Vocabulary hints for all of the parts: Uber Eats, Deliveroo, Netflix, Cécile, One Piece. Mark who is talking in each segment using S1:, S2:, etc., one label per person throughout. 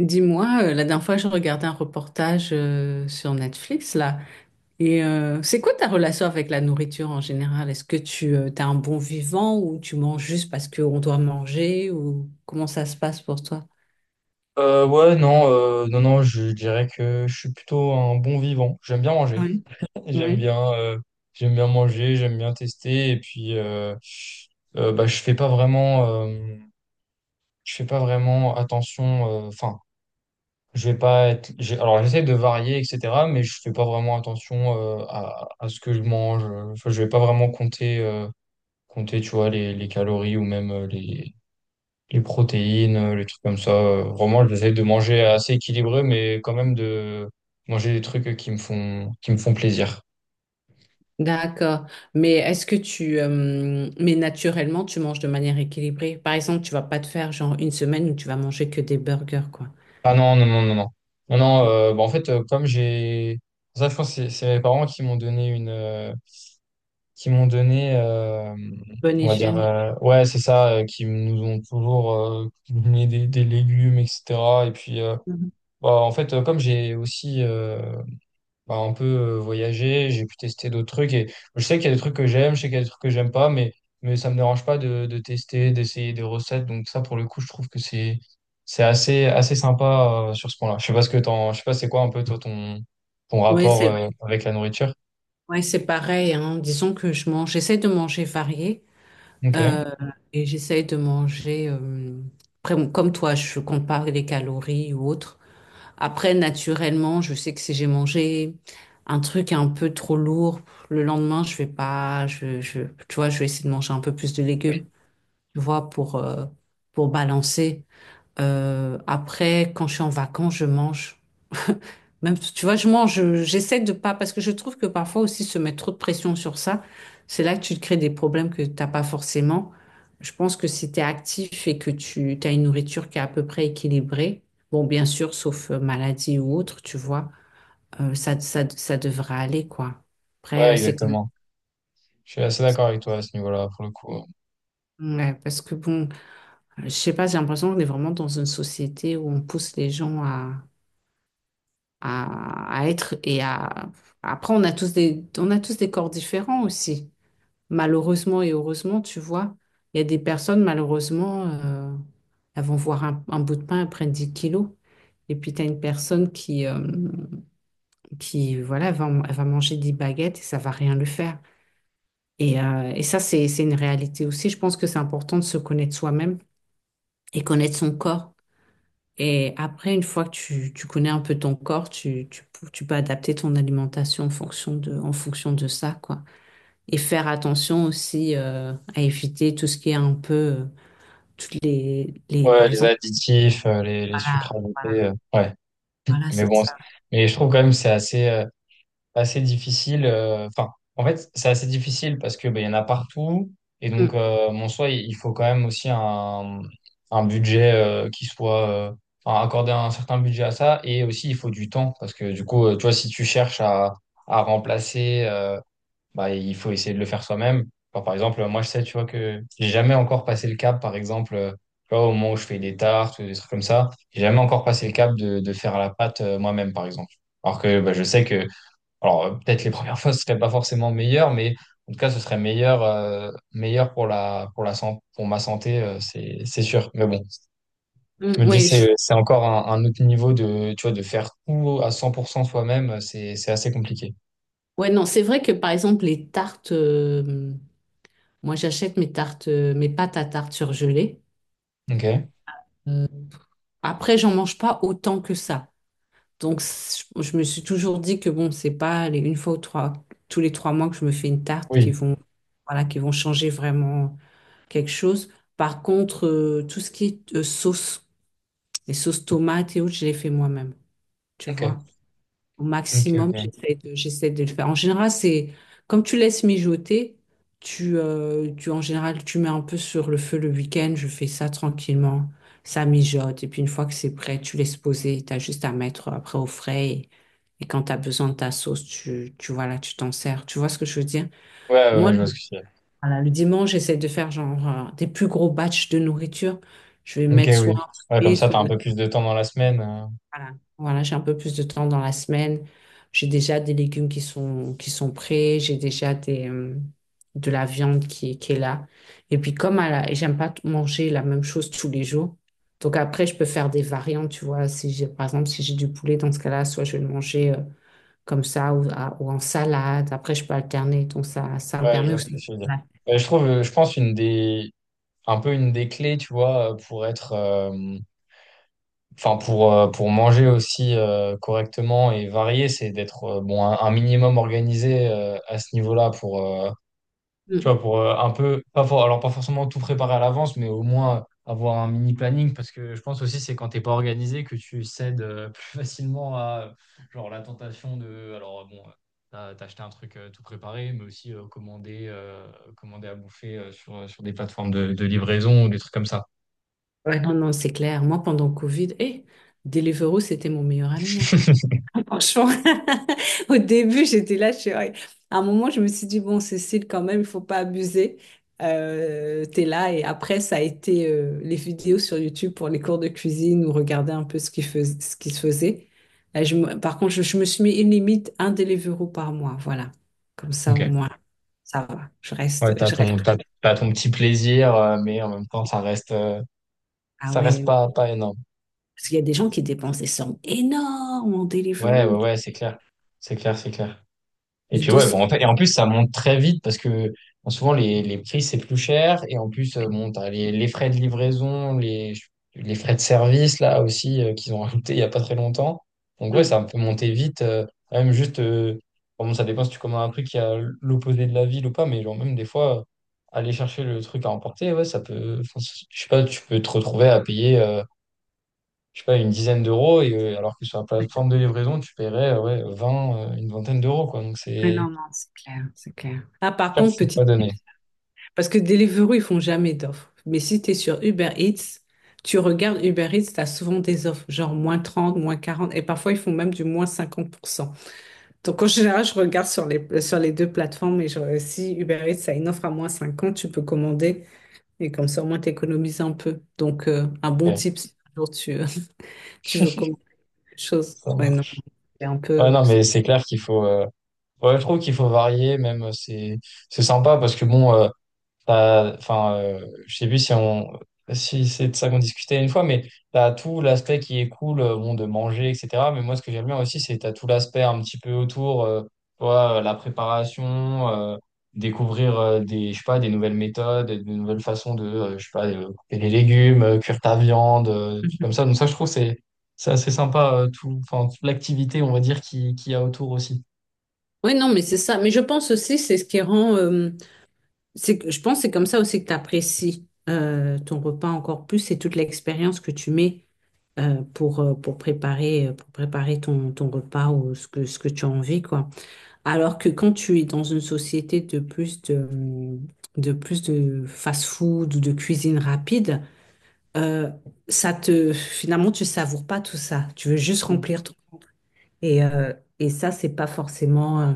S1: Dis-moi, la dernière fois, je regardais un reportage sur Netflix, là. Et c'est quoi ta relation avec la nourriture en général? Est-ce que tu as un bon vivant ou tu manges juste parce qu'on doit manger ou comment ça se passe pour toi?
S2: Ouais, non, non, non, je dirais que je suis plutôt un bon vivant. J'aime bien manger.
S1: Oui.
S2: J'aime
S1: Oui.
S2: bien, euh, j'aime bien manger, j'aime bien tester. Et puis, bah, je fais pas vraiment, je fais pas vraiment attention. Enfin, je vais pas être. Alors, j'essaie de varier, etc. Mais je fais pas vraiment attention à ce que je mange. Enfin, je vais pas vraiment compter, tu vois, les calories ou même les protéines, les trucs comme ça. Vraiment, j'essaie de manger assez équilibré, mais quand même de manger des trucs qui me font plaisir.
S1: D'accord. Mais est-ce que tu... mais naturellement, tu manges de manière équilibrée. Par exemple, tu vas pas te faire genre une semaine où tu vas manger que des burgers, quoi.
S2: Ah non, non, non, non, non. Non, non, bah, en fait, comme j'ai... Ça, je pense que c'est mes parents qui m'ont donné une... qui m'ont donné, euh,
S1: Bonne
S2: on va dire...
S1: hygiène.
S2: ouais, c'est ça, qui nous ont toujours donné des légumes, etc. Et puis,
S1: Mhm.
S2: bah, en fait, comme j'ai aussi... bah, un peu voyager, j'ai pu tester d'autres trucs et je sais qu'il y a des trucs que j'aime, je sais qu'il y a des trucs que j'aime pas, mais ça me dérange pas de tester, d'essayer des recettes. Donc ça, pour le coup, je trouve que c'est assez sympa sur ce point-là. Je sais pas c'est quoi un peu toi ton
S1: Oui,
S2: rapport
S1: c'est
S2: avec la nourriture.
S1: ouais, c'est pareil, hein. Disons que je mange, j'essaie de manger varié.
S2: Ok.
S1: Euh, et j'essaye de manger, après, bon, comme toi, je compte pas les calories ou autre. Après, naturellement, je sais que si j'ai mangé un truc un peu trop lourd, le lendemain, je vais pas, tu vois, je vais essayer de manger un peu plus de légumes, tu vois, pour balancer. Après, quand je suis en vacances, je mange. Même, tu vois, je mange, j'essaie de pas, parce que je trouve que parfois aussi se mettre trop de pression sur ça, c'est là que tu te crées des problèmes que t'as pas forcément. Je pense que si tu es actif et que tu as une nourriture qui est à peu près équilibrée, bon, bien sûr, sauf maladie ou autre, tu vois, ça devrait aller, quoi. Après,
S2: Ouais,
S1: c'est comme,
S2: exactement. Je suis assez d'accord avec toi à ce niveau-là, pour le coup.
S1: ouais, parce que bon, je sais pas, j'ai l'impression qu'on est vraiment dans une société où on pousse les gens à, à être et à, après, on a tous des, on a tous des corps différents aussi. Malheureusement et heureusement, tu vois, il y a des personnes, malheureusement, elles vont voir un bout de pain, elles prennent 10 kilos. Et puis, tu as une personne qui voilà, elle va manger 10 baguettes et ça va rien lui faire. Et, et ça, c'est une réalité aussi. Je pense que c'est important de se connaître soi-même et connaître son corps. Et après, une fois que tu connais un peu ton corps, tu peux adapter ton alimentation en fonction de ça, quoi. Et faire attention aussi à éviter tout ce qui est un peu toutes les par
S2: Ouais, les
S1: exemple
S2: additifs, les sucres
S1: voilà, voilà,
S2: ajoutés, ouais.
S1: voilà,
S2: Mais
S1: c'est
S2: bon,
S1: ça.
S2: mais je trouve quand même que c'est assez difficile. Enfin, en fait, c'est assez difficile parce que ben, il y en a partout. Et donc,
S1: Mm,
S2: mon soi, il faut quand même aussi un budget qui soit. Enfin, accorder un certain budget à ça. Et aussi, il faut du temps parce que du coup, tu vois, si tu cherches à remplacer, bah, il faut essayer de le faire soi-même. Enfin, par exemple, moi, je sais, tu vois, que j'ai jamais encore passé le cap, par exemple. Tu vois, au moment où je fais des tartes ou des trucs comme ça, j'ai jamais encore passé le cap de faire à la pâte moi-même, par exemple. Alors que bah, je sais que alors, peut-être les premières fois, ce serait pas forcément meilleur, mais en tout cas, ce serait meilleur pour pour ma santé, c'est sûr. Mais bon,
S1: mm,
S2: je me dis,
S1: ouais je-
S2: c'est encore un autre niveau de, tu vois, de faire tout à 100% soi-même, c'est assez compliqué.
S1: ouais, non, c'est vrai que par exemple les tartes moi j'achète mes tartes mes pâtes à tarte surgelées.
S2: Ok.
S1: Euh, après j'en mange pas autant que ça donc je me suis toujours dit que bon c'est pas les une fois ou trois tous les 3 mois que je me fais une tarte qui
S2: Oui.
S1: vont voilà qui vont changer vraiment quelque chose. Par contre tout ce qui est sauce. Les sauces tomates et autres, je les fais moi-même, tu
S2: Ok.
S1: vois. Au
S2: Ok, ok.
S1: maximum,
S2: Ouais,
S1: j'essaie de le faire. En général, c'est comme tu laisses mijoter, tu, en général, tu mets un peu sur le feu le week-end, je fais ça tranquillement, ça mijote. Et puis une fois que c'est prêt, tu laisses poser, tu as juste à mettre après au frais. Et quand tu as besoin de ta sauce, tu vois là, tu t'en sers. Tu vois ce que je veux dire?
S2: ouais,
S1: Moi,
S2: ouais, je
S1: le,
S2: vois ce que tu veux dire.
S1: voilà, le dimanche, j'essaie de faire genre des plus gros batchs de nourriture. Je vais
S2: Ok,
S1: mettre
S2: oui.
S1: soit un
S2: Ouais, comme
S1: poulet,
S2: ça,
S1: soit
S2: t'as un peu plus de temps dans la semaine.
S1: voilà, voilà, j'ai un peu plus de temps dans la semaine. J'ai déjà des légumes qui sont prêts. J'ai déjà des, de la viande qui est là. Et puis, comme à la, et j'aime pas manger la même chose tous les jours. Donc, après, je peux faire des variantes, tu vois. Si j'ai, par exemple, si j'ai du poulet, dans ce cas-là, soit je vais le manger, comme ça ou, ou en salade. Après, je peux alterner. Donc, ça me
S2: Ouais, je
S1: permet
S2: vois ce
S1: aussi.
S2: que tu veux dire.
S1: Ouais.
S2: Ouais, je trouve, je pense, un peu une des clés, tu vois, Enfin, pour manger aussi correctement et varier, c'est d'être bon, un minimum organisé à ce niveau-là pour, tu
S1: Mm.
S2: vois, pour un peu, pas for- alors pas forcément tout préparer à l'avance, mais au moins avoir un mini planning parce que je pense aussi c'est quand t'es pas organisé que tu cèdes plus facilement à genre la tentation de, alors bon, t'as acheté un truc tout préparé, mais aussi commander à bouffer sur des plateformes de livraison ou des trucs comme ça.
S1: Ouais, non, non, c'est clair. Moi, pendant le Covid, eh, Deliveroo, c'était mon meilleur ami, hein. Franchement, au début, j'étais là, je suis... ouais. À un moment, je me suis dit, bon, Cécile, quand même, il faut pas abuser. T'es là. Et après, ça a été les vidéos sur YouTube pour les cours de cuisine ou regarder un peu ce qui se faisait. Là, par contre, je me suis mis une limite, un Deliveroo par mois. Voilà. Comme ça, au
S2: Ok.
S1: moins, ça va.
S2: Ouais,
S1: Je reste plus.
S2: t'as ton petit plaisir, mais en même temps, ça reste, euh,
S1: Ah
S2: ça reste
S1: ouais.
S2: pas, pas énorme.
S1: Parce qu'il y a des gens qui dépensent des sommes énormes en
S2: Ouais, ouais,
S1: Deliveroo,
S2: ouais, c'est clair. C'est clair, c'est clair. Et
S1: du
S2: puis ouais, bon,
S1: 200.
S2: en fait, et en plus ça monte très vite parce que bon, souvent les prix c'est plus cher et en plus bon t'as les frais de livraison, les frais de service là aussi qu'ils ont rajouté il y a pas très longtemps. Donc ouais, ça peut monter vite, même juste bon ça dépend si tu commandes un truc qui a l'opposé de la ville ou pas, mais genre même des fois aller chercher le truc à emporter, ouais ça peut, enfin, je sais pas, tu peux te retrouver à payer je sais pas une dizaine d'euros et alors que sur la
S1: Mm.
S2: plateforme de livraison tu paierais ouais 20 une vingtaine d'euros quoi, donc
S1: Mais non, non, c'est clair, c'est clair. Ah,
S2: c'est
S1: par
S2: clair que
S1: contre,
S2: c'est
S1: petit
S2: pas donné.
S1: tip, parce que Deliveroo, ils font jamais d'offres. Mais si tu es sur Uber Eats, tu regardes Uber Eats, tu as souvent des offres, genre -30 -40 et parfois ils font même du -50%. Donc en général, je regarde sur les deux plateformes, et genre, si Uber Eats a une offre à -50 tu peux commander, et comme ça au moins tu économises un peu. Donc un bon
S2: Ok,
S1: tip, si un jour tu, tu veux commander quelque chose.
S2: ça
S1: Ouais, non,
S2: marche.
S1: c'est un
S2: Ouais,
S1: peu...
S2: non, mais c'est clair qu'il faut. Ouais, je trouve qu'il faut varier, même c'est sympa parce que bon, Enfin, je sais plus si on, si c'est de ça qu'on discutait une fois, mais t'as tout l'aspect qui est cool, bon, de manger, etc. Mais moi, ce que j'aime bien aussi, c'est t'as tout l'aspect un petit peu autour, tu vois, la préparation, découvrir des, je sais pas, des nouvelles méthodes, des nouvelles façons de, je sais pas, couper les légumes, cuire ta viande, des trucs comme
S1: Mhm.
S2: ça. Donc ça, je trouve, c'est assez sympa, tout, enfin, toute l'activité, on va dire, qu'il y a autour aussi.
S1: Oui, non, mais c'est ça. Mais je pense aussi, c'est ce qui rend, je pense que c'est comme ça aussi que tu apprécies ton repas encore plus et toute l'expérience que tu mets pour préparer ton, ton repas ou ce que tu as envie, quoi. Alors que quand tu es dans une société de plus de fast-food ou de cuisine rapide, euh, ça te, finalement, tu savoures pas tout ça. Tu veux juste
S2: Mm.
S1: remplir ton... Et, et ça, c'est pas forcément...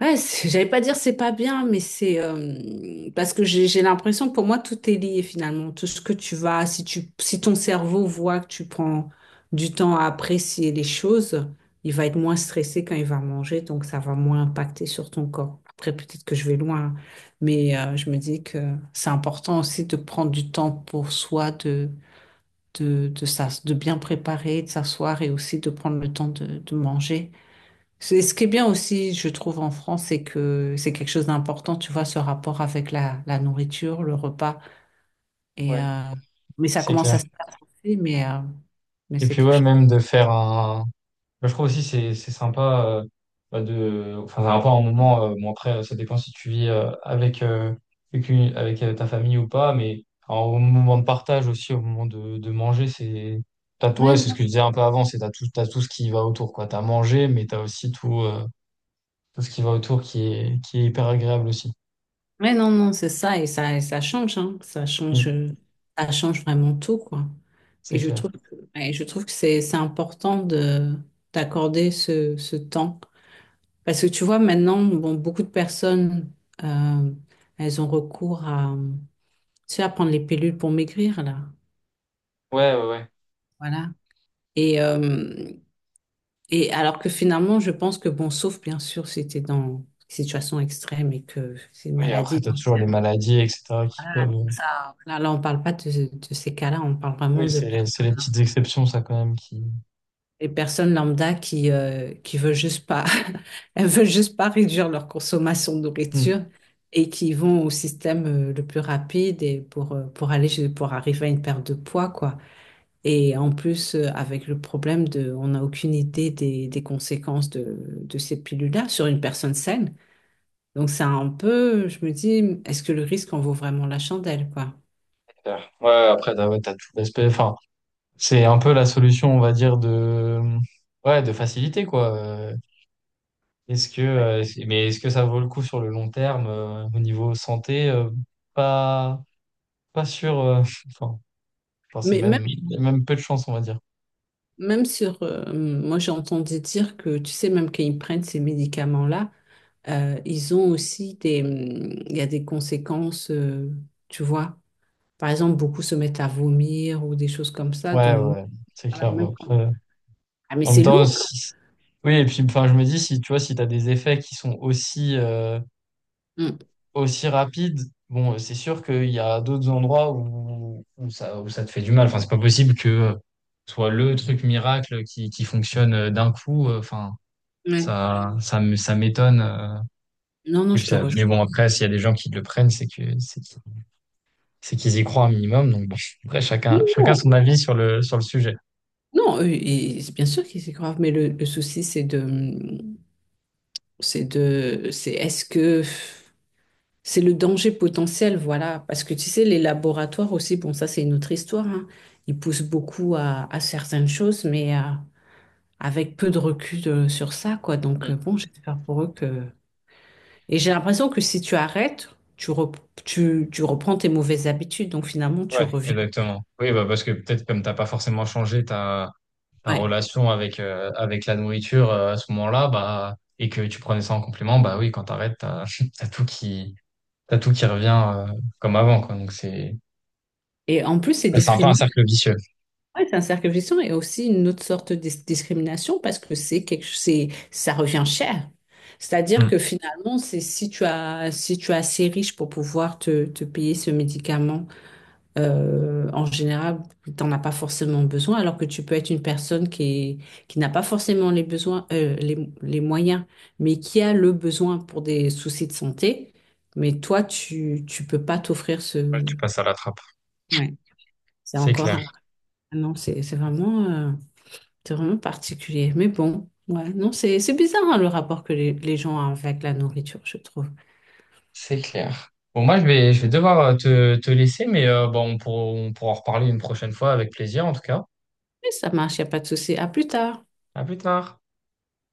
S1: Ouais, j'allais pas dire c'est pas bien, mais c'est parce que j'ai l'impression que pour moi tout est lié finalement. Tout ce que tu vas, si tu, si ton cerveau voit que tu prends du temps à apprécier les choses, il va être moins stressé quand il va manger, donc ça va moins impacter sur ton corps. Après, peut-être que je vais loin, hein, mais je me dis que c'est important aussi de prendre du temps pour soi, de bien préparer, de s'asseoir et aussi de prendre le temps de manger. Ce qui est bien aussi, je trouve, en France, c'est que c'est quelque chose d'important, tu vois, ce rapport avec la, la nourriture, le repas. Et,
S2: Ouais,
S1: mais ça
S2: c'est
S1: commence
S2: clair.
S1: à se passer, mais
S2: Et
S1: c'est
S2: puis
S1: quelque
S2: ouais,
S1: chose.
S2: même de faire un Moi, je trouve aussi c'est sympa bah, de enfin c'est sympa un moment bon après ça dépend si tu vis avec ta famille ou pas mais alors, au moment de partage aussi au moment de manger c'est t'as toi
S1: Mais
S2: c'est ce
S1: non,
S2: que je disais un peu avant c'est t'as tout ce qui va autour quoi t'as mangé mais t'as aussi tout tout ce qui va autour qui est hyper agréable aussi.
S1: mais non, non, c'est ça, et ça, et ça change, hein.
S2: Mm.
S1: Ça change vraiment tout, quoi. Et
S2: C'est
S1: je
S2: clair.
S1: trouve que, et je trouve que c'est important de, d'accorder ce, ce temps. Parce que tu vois, maintenant, bon, beaucoup de personnes, euh, elles ont recours à tu vas prendre les pilules pour maigrir, là.
S2: Ouais, ouais, ouais.
S1: Voilà. Et, et alors que finalement, je pense que, bon, sauf bien sûr si tu dans une situation extrême et que c'est une
S2: Oui, après
S1: maladie
S2: t'as
S1: dans ce
S2: toujours les
S1: cas-là.
S2: maladies etc qui
S1: Voilà,
S2: peuvent
S1: donc ça, là, là, on ne parle pas de, de ces cas-là, on parle vraiment
S2: oui c'est les petites exceptions ça quand même qui.
S1: des personnes lambda qui veulent juste pas, elles veulent juste pas réduire leur consommation de
S2: Mm.
S1: nourriture et qui vont au système le plus rapide et pour aller, pour arriver à une perte de poids, quoi. Et en plus, avec le problème de, on n'a aucune idée des conséquences de ces pilules-là sur une personne saine. Donc, c'est un peu, je me dis, est-ce que le risque en vaut vraiment la chandelle, quoi?
S2: Clair. Ouais, après, t'as tout l'aspect. Enfin, c'est un peu la solution, on va dire, de facilité, quoi. Mais est-ce que ça vaut le coup sur le long terme, au niveau santé? Pas, pas sûr. Enfin, enfin, c'est
S1: Mais même,
S2: même, il y a même peu de chance, on va dire.
S1: même sur, moi, j'ai entendu dire que, tu sais, même quand ils prennent ces médicaments-là, ils ont aussi des, il y a des conséquences, tu vois. Par exemple, beaucoup se mettent à vomir ou des choses comme ça.
S2: Ouais, ouais,
S1: Donc,
S2: ouais, c'est
S1: voilà,
S2: clair. Bon, après,
S1: ah, mais
S2: en même
S1: c'est
S2: temps,
S1: lourd quand.
S2: oui, et puis, enfin, je me dis, si tu vois, si t'as des effets qui sont aussi rapide, bon, c'est sûr qu'il y a d'autres endroits où ça te fait du mal. Enfin, c'est pas possible que ce soit le truc miracle qui fonctionne d'un coup. Enfin,
S1: Mm. Ouais.
S2: ça m'étonne.
S1: Non, non,
S2: Et
S1: je
S2: puis,
S1: te
S2: mais
S1: rejoins.
S2: bon, après, s'il y a des gens qui le prennent, c'est qu'ils y croient un minimum. Donc, bon, après,
S1: Oui,
S2: chacun, chacun
S1: non.
S2: son avis sur le sujet.
S1: Non, et c'est bien sûr que c'est grave, mais le souci, c'est de, c'est de, c'est est-ce que c'est le danger potentiel, voilà, parce que tu sais, les laboratoires aussi, bon, ça c'est une autre histoire, hein. Ils poussent beaucoup à certaines choses, mais avec peu de recul sur ça, quoi. Donc
S2: Mm.
S1: bon, j'espère pour eux que. Et j'ai l'impression que si tu arrêtes, tu, rep- tu, tu reprends tes mauvaises habitudes, donc finalement tu
S2: Ouais,
S1: reviens.
S2: exactement. Oui, bah, parce que peut-être comme t'as pas forcément changé, t'as ta
S1: Ouais.
S2: relation avec la nourriture à ce moment-là, bah, et que tu prenais ça en complément, bah oui, quand t'arrêtes, t'as tout qui, t'as tout qui revient euh, comme avant, quoi. Donc
S1: Et en plus, c'est
S2: c'est un peu un
S1: discriminant.
S2: cercle vicieux.
S1: Oui, c'est un cercle vicieux et aussi une autre sorte discrimination parce que c'est quelque c'est ça revient cher. C'est-à-dire
S2: Hmm.
S1: que finalement, c'est si tu as si tu es assez riche pour pouvoir te, te payer ce médicament, en général, tu n'en as pas forcément besoin, alors que tu peux être une personne qui n'a pas forcément les besoins les moyens, mais qui a le besoin pour des soucis de santé, mais toi tu tu peux pas t'offrir ce
S2: Ouais, tu passes à la trappe.
S1: ouais, c'est
S2: C'est
S1: encore
S2: clair.
S1: un non, c'est vraiment particulier. Mais bon, ouais, non, c'est bizarre hein, le rapport que les gens ont avec la nourriture, je trouve.
S2: C'est clair. Bon, moi, je vais devoir te laisser, mais bon, on pourra en reparler une prochaine fois avec plaisir, en tout cas.
S1: Mais ça marche, il n'y a pas de souci. À plus tard.
S2: À plus tard.